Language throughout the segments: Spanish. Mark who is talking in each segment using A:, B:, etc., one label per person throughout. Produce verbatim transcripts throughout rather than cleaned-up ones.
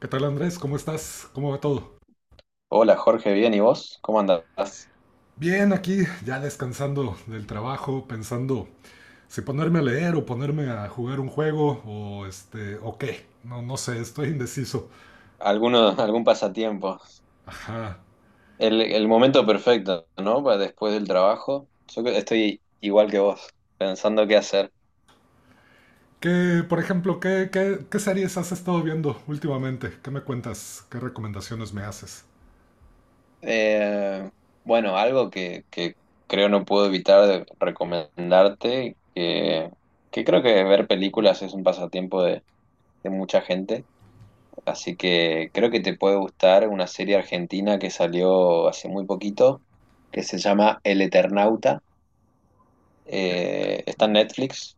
A: ¿Qué tal, Andrés? ¿Cómo estás? ¿Cómo va todo?
B: Hola Jorge, bien, ¿y vos? ¿Cómo andás?
A: Bien, aquí ya descansando del trabajo, pensando si ponerme a leer o ponerme a jugar un juego o este o qué. No, no sé, estoy indeciso.
B: ¿Alguno, algún pasatiempo?
A: Ajá.
B: El, el momento perfecto, ¿no? Para después del trabajo. Yo que- estoy igual que vos, pensando qué hacer.
A: ¿Qué, por ejemplo, qué, qué, qué series has estado viendo últimamente? ¿Qué me cuentas? ¿Qué recomendaciones me haces?
B: Eh, bueno, algo que, que creo no puedo evitar de recomendarte, que, que creo que ver películas es un pasatiempo de, de mucha gente, así que creo que te puede gustar una serie argentina que salió hace muy poquito, que se llama El Eternauta. Eh, está en Netflix.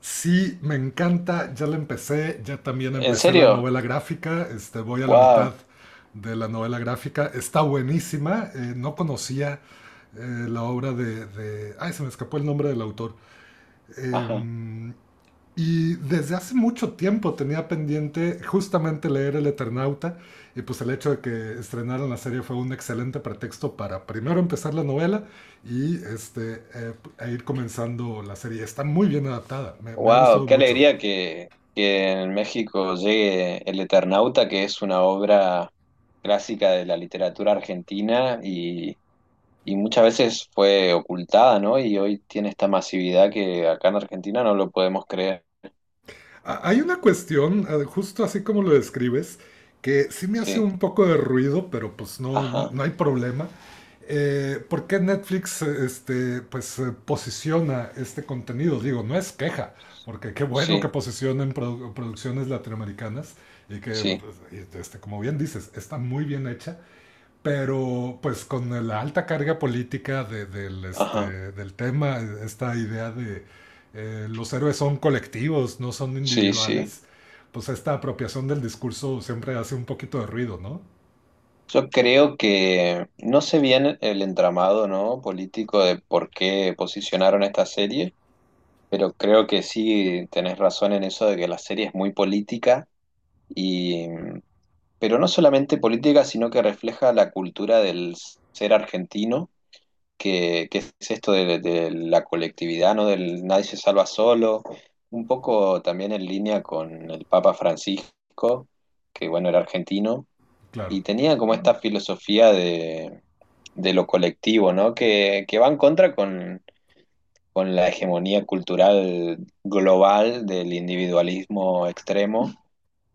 A: Sí, me encanta, ya la empecé, ya también
B: ¿En
A: empecé la
B: serio?
A: novela gráfica, este, voy a la mitad
B: Wow.
A: de la novela gráfica, está buenísima, eh, no conocía eh, la obra de, de- Ay, se me escapó el nombre del autor.
B: Ajá.
A: Em, y desde hace mucho tiempo tenía pendiente justamente leer El Eternauta, y pues el hecho de que estrenaran la serie fue un excelente pretexto para primero empezar la novela y este, eh, e ir comenzando la serie. Está muy bien adaptada, me, me ha
B: Wow,
A: gustado
B: qué
A: mucho.
B: alegría que, que en México llegue El Eternauta, que es una obra clásica de la literatura argentina y, y muchas veces fue ocultada, ¿no? Y hoy tiene esta masividad que acá en Argentina no lo podemos creer.
A: A- Hay una cuestión, eh, justo así como lo describes, que sí me hace
B: Sí.
A: un poco de ruido, pero pues no,
B: Ajá.
A: no hay problema. Eh, ¿por qué Netflix, eh, este, pues, eh, posiciona este contenido? Digo, no es queja, porque qué bueno que
B: Sí.
A: posicionen produ- producciones latinoamericanas y que,
B: Sí.
A: pues, y, este, como bien dices, está muy bien hecha, pero pues con la alta carga política de- del,
B: Ajá.
A: este, del tema, esta idea de eh, los héroes son colectivos, no son
B: Sí, sí.
A: individuales, pues esta apropiación del discurso siempre hace un poquito de ruido, ¿no?
B: Yo creo que no sé bien el entramado, ¿no? Político de por qué posicionaron esta serie, pero creo que sí tenés razón en eso de que la serie es muy política y mm, pero no solamente política, sino que refleja la cultura del ser argentino, que, que es esto de, de la colectividad, ¿no? Del nadie se salva solo, un poco también en línea con el Papa Francisco, que bueno, era argentino
A: Claro.
B: y tenía como esta filosofía de de lo colectivo, ¿no? Que, que va en contra con, con la hegemonía cultural global del individualismo extremo.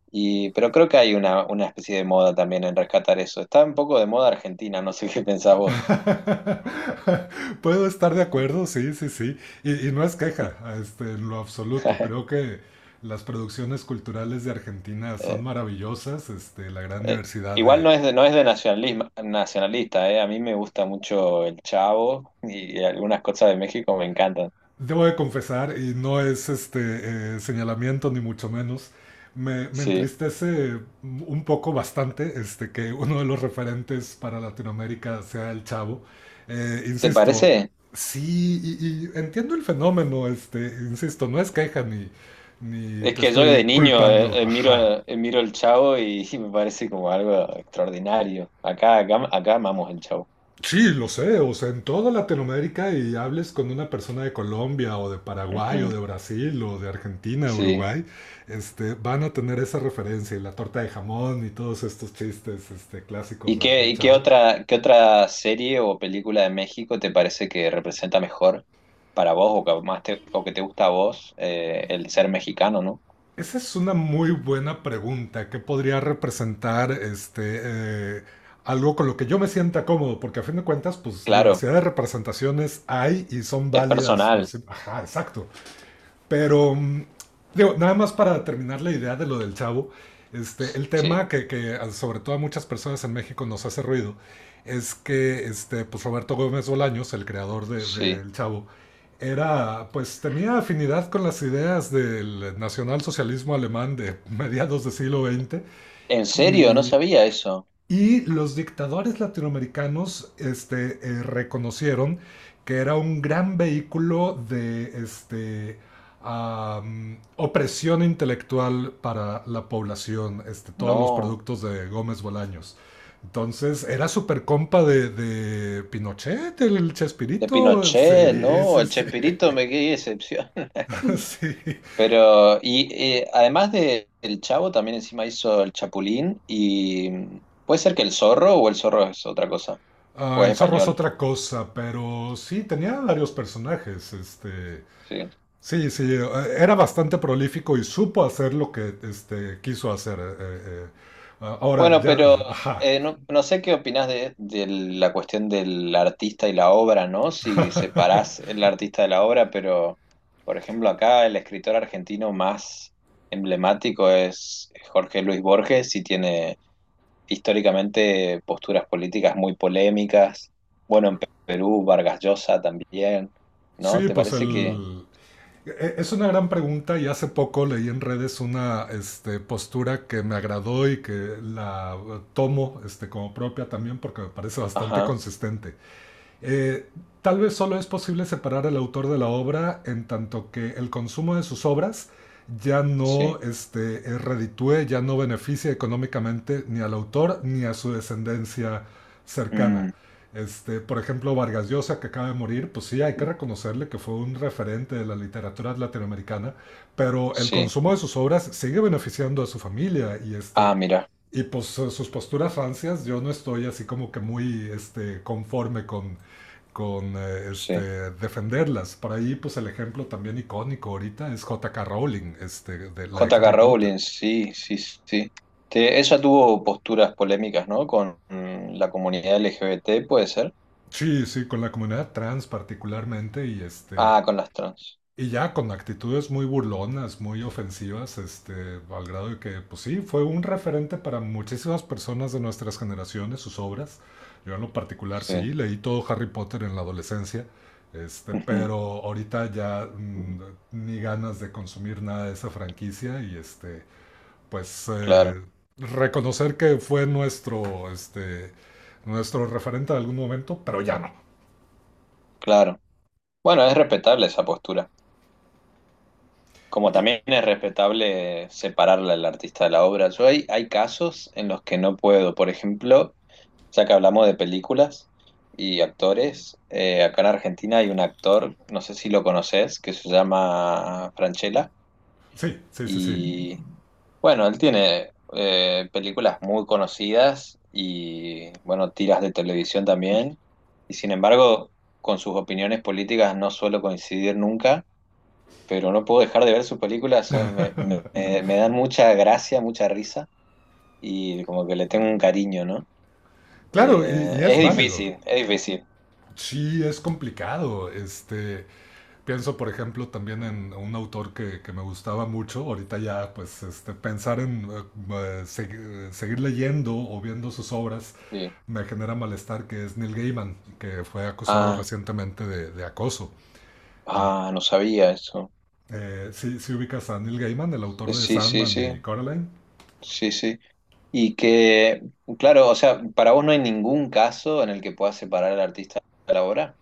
B: Y, pero creo que hay una, una especie de moda también en rescatar eso. Está un poco de moda argentina, no sé qué pensás vos.
A: Puedo estar de acuerdo, sí, sí, sí. Y, y no es queja, este, en lo absoluto. Creo que las producciones culturales de Argentina son
B: Eh,
A: maravillosas, este, la gran
B: eh,
A: diversidad
B: Igual
A: de…
B: no es de, no es de nacionalismo, nacionalista, eh. A mí me gusta mucho el Chavo y algunas cosas de México me encantan.
A: Debo de confesar, y no es este eh, señalamiento ni mucho menos, me, me
B: Sí.
A: entristece un poco bastante este, que uno de los referentes para Latinoamérica sea el Chavo. Eh,
B: ¿Te
A: insisto,
B: parece?
A: sí, y, y entiendo el fenómeno, este, insisto, no es queja ni, ni
B: Es
A: te
B: que yo de
A: estoy
B: niño
A: culpando,
B: eh, eh, miro,
A: ajá.
B: eh, miro el Chavo y, me parece como algo extraordinario. Acá, acá, acá amamos el Chavo.
A: Sí, lo sé, o sea, en toda Latinoamérica y hables con una persona de Colombia o de Paraguay
B: Ujú,
A: o de Brasil o de Argentina,
B: sí.
A: Uruguay, este, van a tener esa referencia y la torta de jamón y todos estos chistes, este, clásicos
B: ¿Y
A: de-
B: qué,
A: del
B: y qué
A: Chavo.
B: otra, qué otra serie o película de México te parece que representa mejor para vos o que más te, o que te gusta a vos eh, el ser mexicano, ¿no?
A: Esa es una muy buena pregunta. ¿Qué podría representar este, eh, algo con lo que yo me sienta cómodo? Porque a fin de cuentas, pues
B: Claro,
A: diversidad de representaciones hay y son
B: es
A: válidas por
B: personal.
A: sí. Ajá, exacto. Pero, mm, digo, nada más para terminar la idea de lo del Chavo, este, el
B: Sí,
A: tema que, que sobre todo a muchas personas en México nos hace ruido es que este, pues Roberto Gómez Bolaños, el creador del
B: sí.
A: de, El Chavo, era, pues tenía afinidad con las ideas del nacionalsocialismo alemán de mediados del siglo veinte.
B: ¿En serio? No
A: Y
B: sabía eso.
A: y los dictadores latinoamericanos este, eh, reconocieron que era un gran vehículo de este, am, opresión intelectual para la población, este, todos los
B: No.
A: productos de Gómez Bolaños. Entonces, ¿era súper compa de, de Pinochet, el
B: De
A: Chespirito?
B: Pinochet,
A: Sí,
B: no.
A: sí,
B: El
A: sí.
B: Chespirito me quedé decepción.
A: sí.
B: Pero, y eh, además de El Chavo, también encima hizo El Chapulín y mm, puede ser que El Zorro o El Zorro es otra cosa,
A: Ah,
B: o es
A: el Zorro es
B: español,
A: otra cosa, pero sí, tenía varios personajes. Este,
B: sí.
A: Sí, sí, eh, era bastante prolífico y supo hacer lo que este, quiso hacer. eh, eh, eh. Ah, ahora
B: Bueno,
A: ya,
B: pero
A: ajá.
B: eh, no, no sé qué opinás de, de la cuestión del artista y la obra, ¿no? Si separás el artista de la obra, pero, por ejemplo, acá el escritor argentino más emblemático es Jorge Luis Borges y tiene históricamente posturas políticas muy polémicas. Bueno, en Perú, Vargas Llosa también, ¿no?
A: Sí,
B: ¿Te
A: pues
B: parece que...?
A: el… e- Es una gran pregunta y hace poco leí en redes una este, postura que me agradó y que la eh, tomo este, como propia también porque me parece bastante
B: Ajá,
A: consistente. Eh, tal vez solo es posible separar al autor de la obra en tanto que el consumo de sus obras ya no
B: sí.
A: este, eh, reditúe, ya no beneficia económicamente ni al autor ni a su descendencia cercana.
B: Mm,
A: Este, por ejemplo, Vargas Llosa, que acaba de morir, pues sí, hay que reconocerle que fue un referente de la literatura latinoamericana, pero el
B: sí.
A: consumo de sus obras sigue beneficiando a su familia y, este,
B: Ah, mira,
A: y pues su- sus posturas rancias, yo no estoy así como que muy este, conforme con, con eh,
B: sí.
A: este, defenderlas. Por ahí, pues el ejemplo también icónico ahorita es J K Rowling, este, de la
B: J
A: de
B: K
A: Harry Potter.
B: Rowling, sí, sí, sí. Te- ella tuvo posturas polémicas, ¿no? Con mm, la comunidad L G B T, ¿puede ser?
A: Sí, sí, con la comunidad trans particularmente. y este
B: Ah, con las trans.
A: Y ya con actitudes muy burlonas, muy ofensivas, este, al grado de que, pues sí, fue un referente para muchísimas personas de nuestras generaciones, sus obras. Yo en lo particular
B: Sí.
A: sí, leí todo Harry Potter en la adolescencia, este,
B: Ujú.
A: pero ahorita ya mm, ni ganas de consumir nada de esa franquicia y este, pues
B: Claro,
A: eh, reconocer que fue nuestro, este, nuestro referente en algún momento, pero ya no.
B: claro. Bueno, es respetable esa postura. Como
A: Y,
B: también es respetable separarla el artista de la obra. Yo hay, hay casos en los que no puedo. Por ejemplo, ya que hablamos de películas y actores, eh, acá en Argentina hay un actor, no sé si lo conoces, que se llama Franchella.
A: sí, sí, sí, sí.
B: Y bueno, él tiene eh, películas muy conocidas y bueno, tiras de televisión también. Y sin embargo, con sus opiniones políticas no suelo coincidir nunca pero no puedo dejar de ver sus películas, son- me, me- me me dan mucha gracia, mucha risa y como que le tengo un cariño, ¿no?
A: Claro, y,
B: Eh,
A: y
B: es
A: es válido.
B: difícil, es difícil,
A: Sí, es complicado. Este, pienso, por ejemplo, también en un autor que, que me gustaba mucho. Ahorita ya, pues, este, pensar en eh, eh, segui- seguir leyendo o viendo sus obras
B: sí.
A: me genera malestar, que es Neil Gaiman, que fue acusado
B: Ah,
A: recientemente de, de acoso. En-
B: ah, no sabía eso.
A: eh, sí, sí ubicas a Neil Gaiman, el autor de
B: Sí, sí,
A: Sandman
B: sí,
A: y Coraline.
B: sí, sí. Y que, claro, o sea, para vos no hay ningún caso en el que puedas separar al artista de la obra,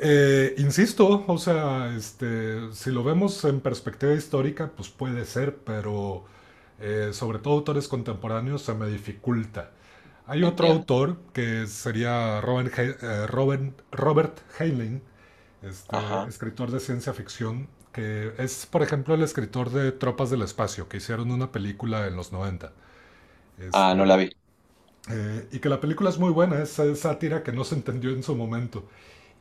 A: Eh, insisto, o sea, este, si lo vemos en perspectiva histórica, pues puede ser, pero eh, sobre todo autores contemporáneos se me dificulta. Hay otro
B: entiendo.
A: autor que sería Robert, Hei- eh, Robert, Robert Heinlein, este,
B: Ajá.
A: escritor de ciencia ficción, que es, por ejemplo, el escritor de Tropas del Espacio, que hicieron una película en los noventa.
B: Ah, no la
A: Este,
B: vi.
A: eh, y que la película es muy buena, es eh, sátira que no se entendió en su momento.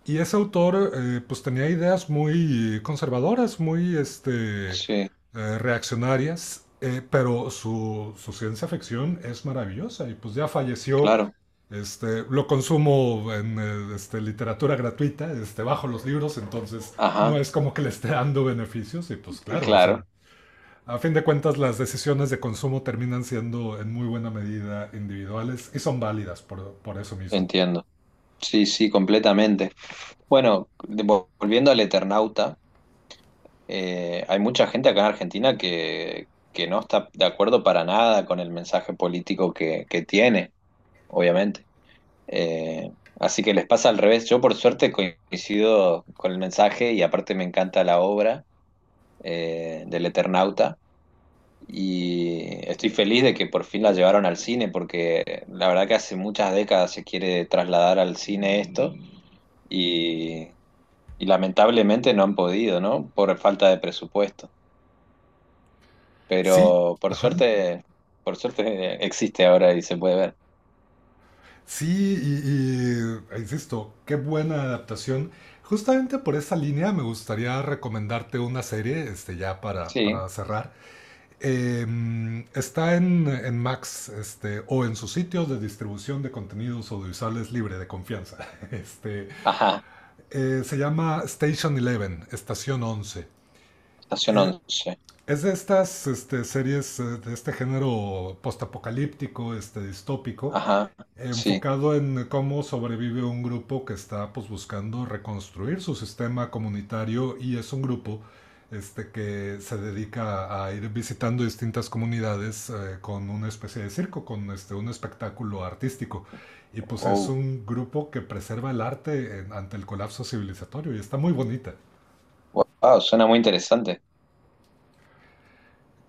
A: Y ese autor eh, pues tenía ideas muy conservadoras, muy este,
B: Sí,
A: eh, reaccionarias, eh, pero su, su ciencia ficción es maravillosa y pues ya falleció.
B: claro.
A: Este, lo consumo en eh, este, literatura gratuita, este, bajo los libros, entonces no
B: Ajá,
A: es como que le esté dando beneficios y pues claro, o sea,
B: claro,
A: a fin de cuentas las decisiones de consumo terminan siendo en muy buena medida individuales y son válidas por, por eso mismo.
B: entiendo. Sí, sí, completamente. Bueno, de- volviendo al Eternauta, eh, hay mucha gente acá en Argentina que, que no está de acuerdo para nada con el mensaje político que, que tiene, obviamente. Eh, así que les pasa al revés. Yo por suerte coincido con el mensaje y aparte me encanta la obra eh, del Eternauta. Y estoy feliz de que por fin la llevaron al cine, porque la verdad que hace muchas décadas se quiere trasladar al cine esto. Y Y lamentablemente no han podido, ¿no? Por falta de presupuesto.
A: Sí,
B: Pero por
A: ajá.
B: suerte, por suerte existe ahora y se puede ver.
A: Sí, y, y, insisto, qué buena adaptación. Justamente por esa línea me gustaría recomendarte una serie, este, ya para,
B: Sí.
A: para cerrar. Eh, está en, en Max, este, o en sus sitios de distribución de contenidos audiovisuales libre de confianza. Este,
B: Ajá.
A: eh, se llama Station once, Estación Once.
B: Estación
A: Eh,
B: once.
A: es de estas este, series eh, de este género postapocalíptico, este, distópico,
B: Ajá. Sí.
A: enfocado en cómo sobrevive un grupo que está pues buscando reconstruir su sistema comunitario y es un grupo este, que se dedica a ir visitando distintas comunidades eh, con una especie de circo, con este, un espectáculo artístico. Y pues es
B: Wow.
A: un grupo que preserva el arte en- ante el colapso civilizatorio y está muy bonita.
B: Wow, suena muy interesante.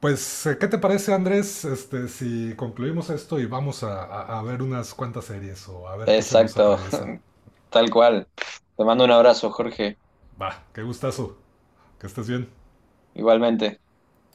A: Pues, eh, ¿qué te parece, Andrés, este, si concluimos esto y vamos a, a- a ver unas cuantas series o a ver qué se nos
B: Exacto.
A: atraviesa?
B: Tal cual. Te mando un abrazo, Jorge.
A: Va, qué gustazo. Que estés bien.
B: Igualmente.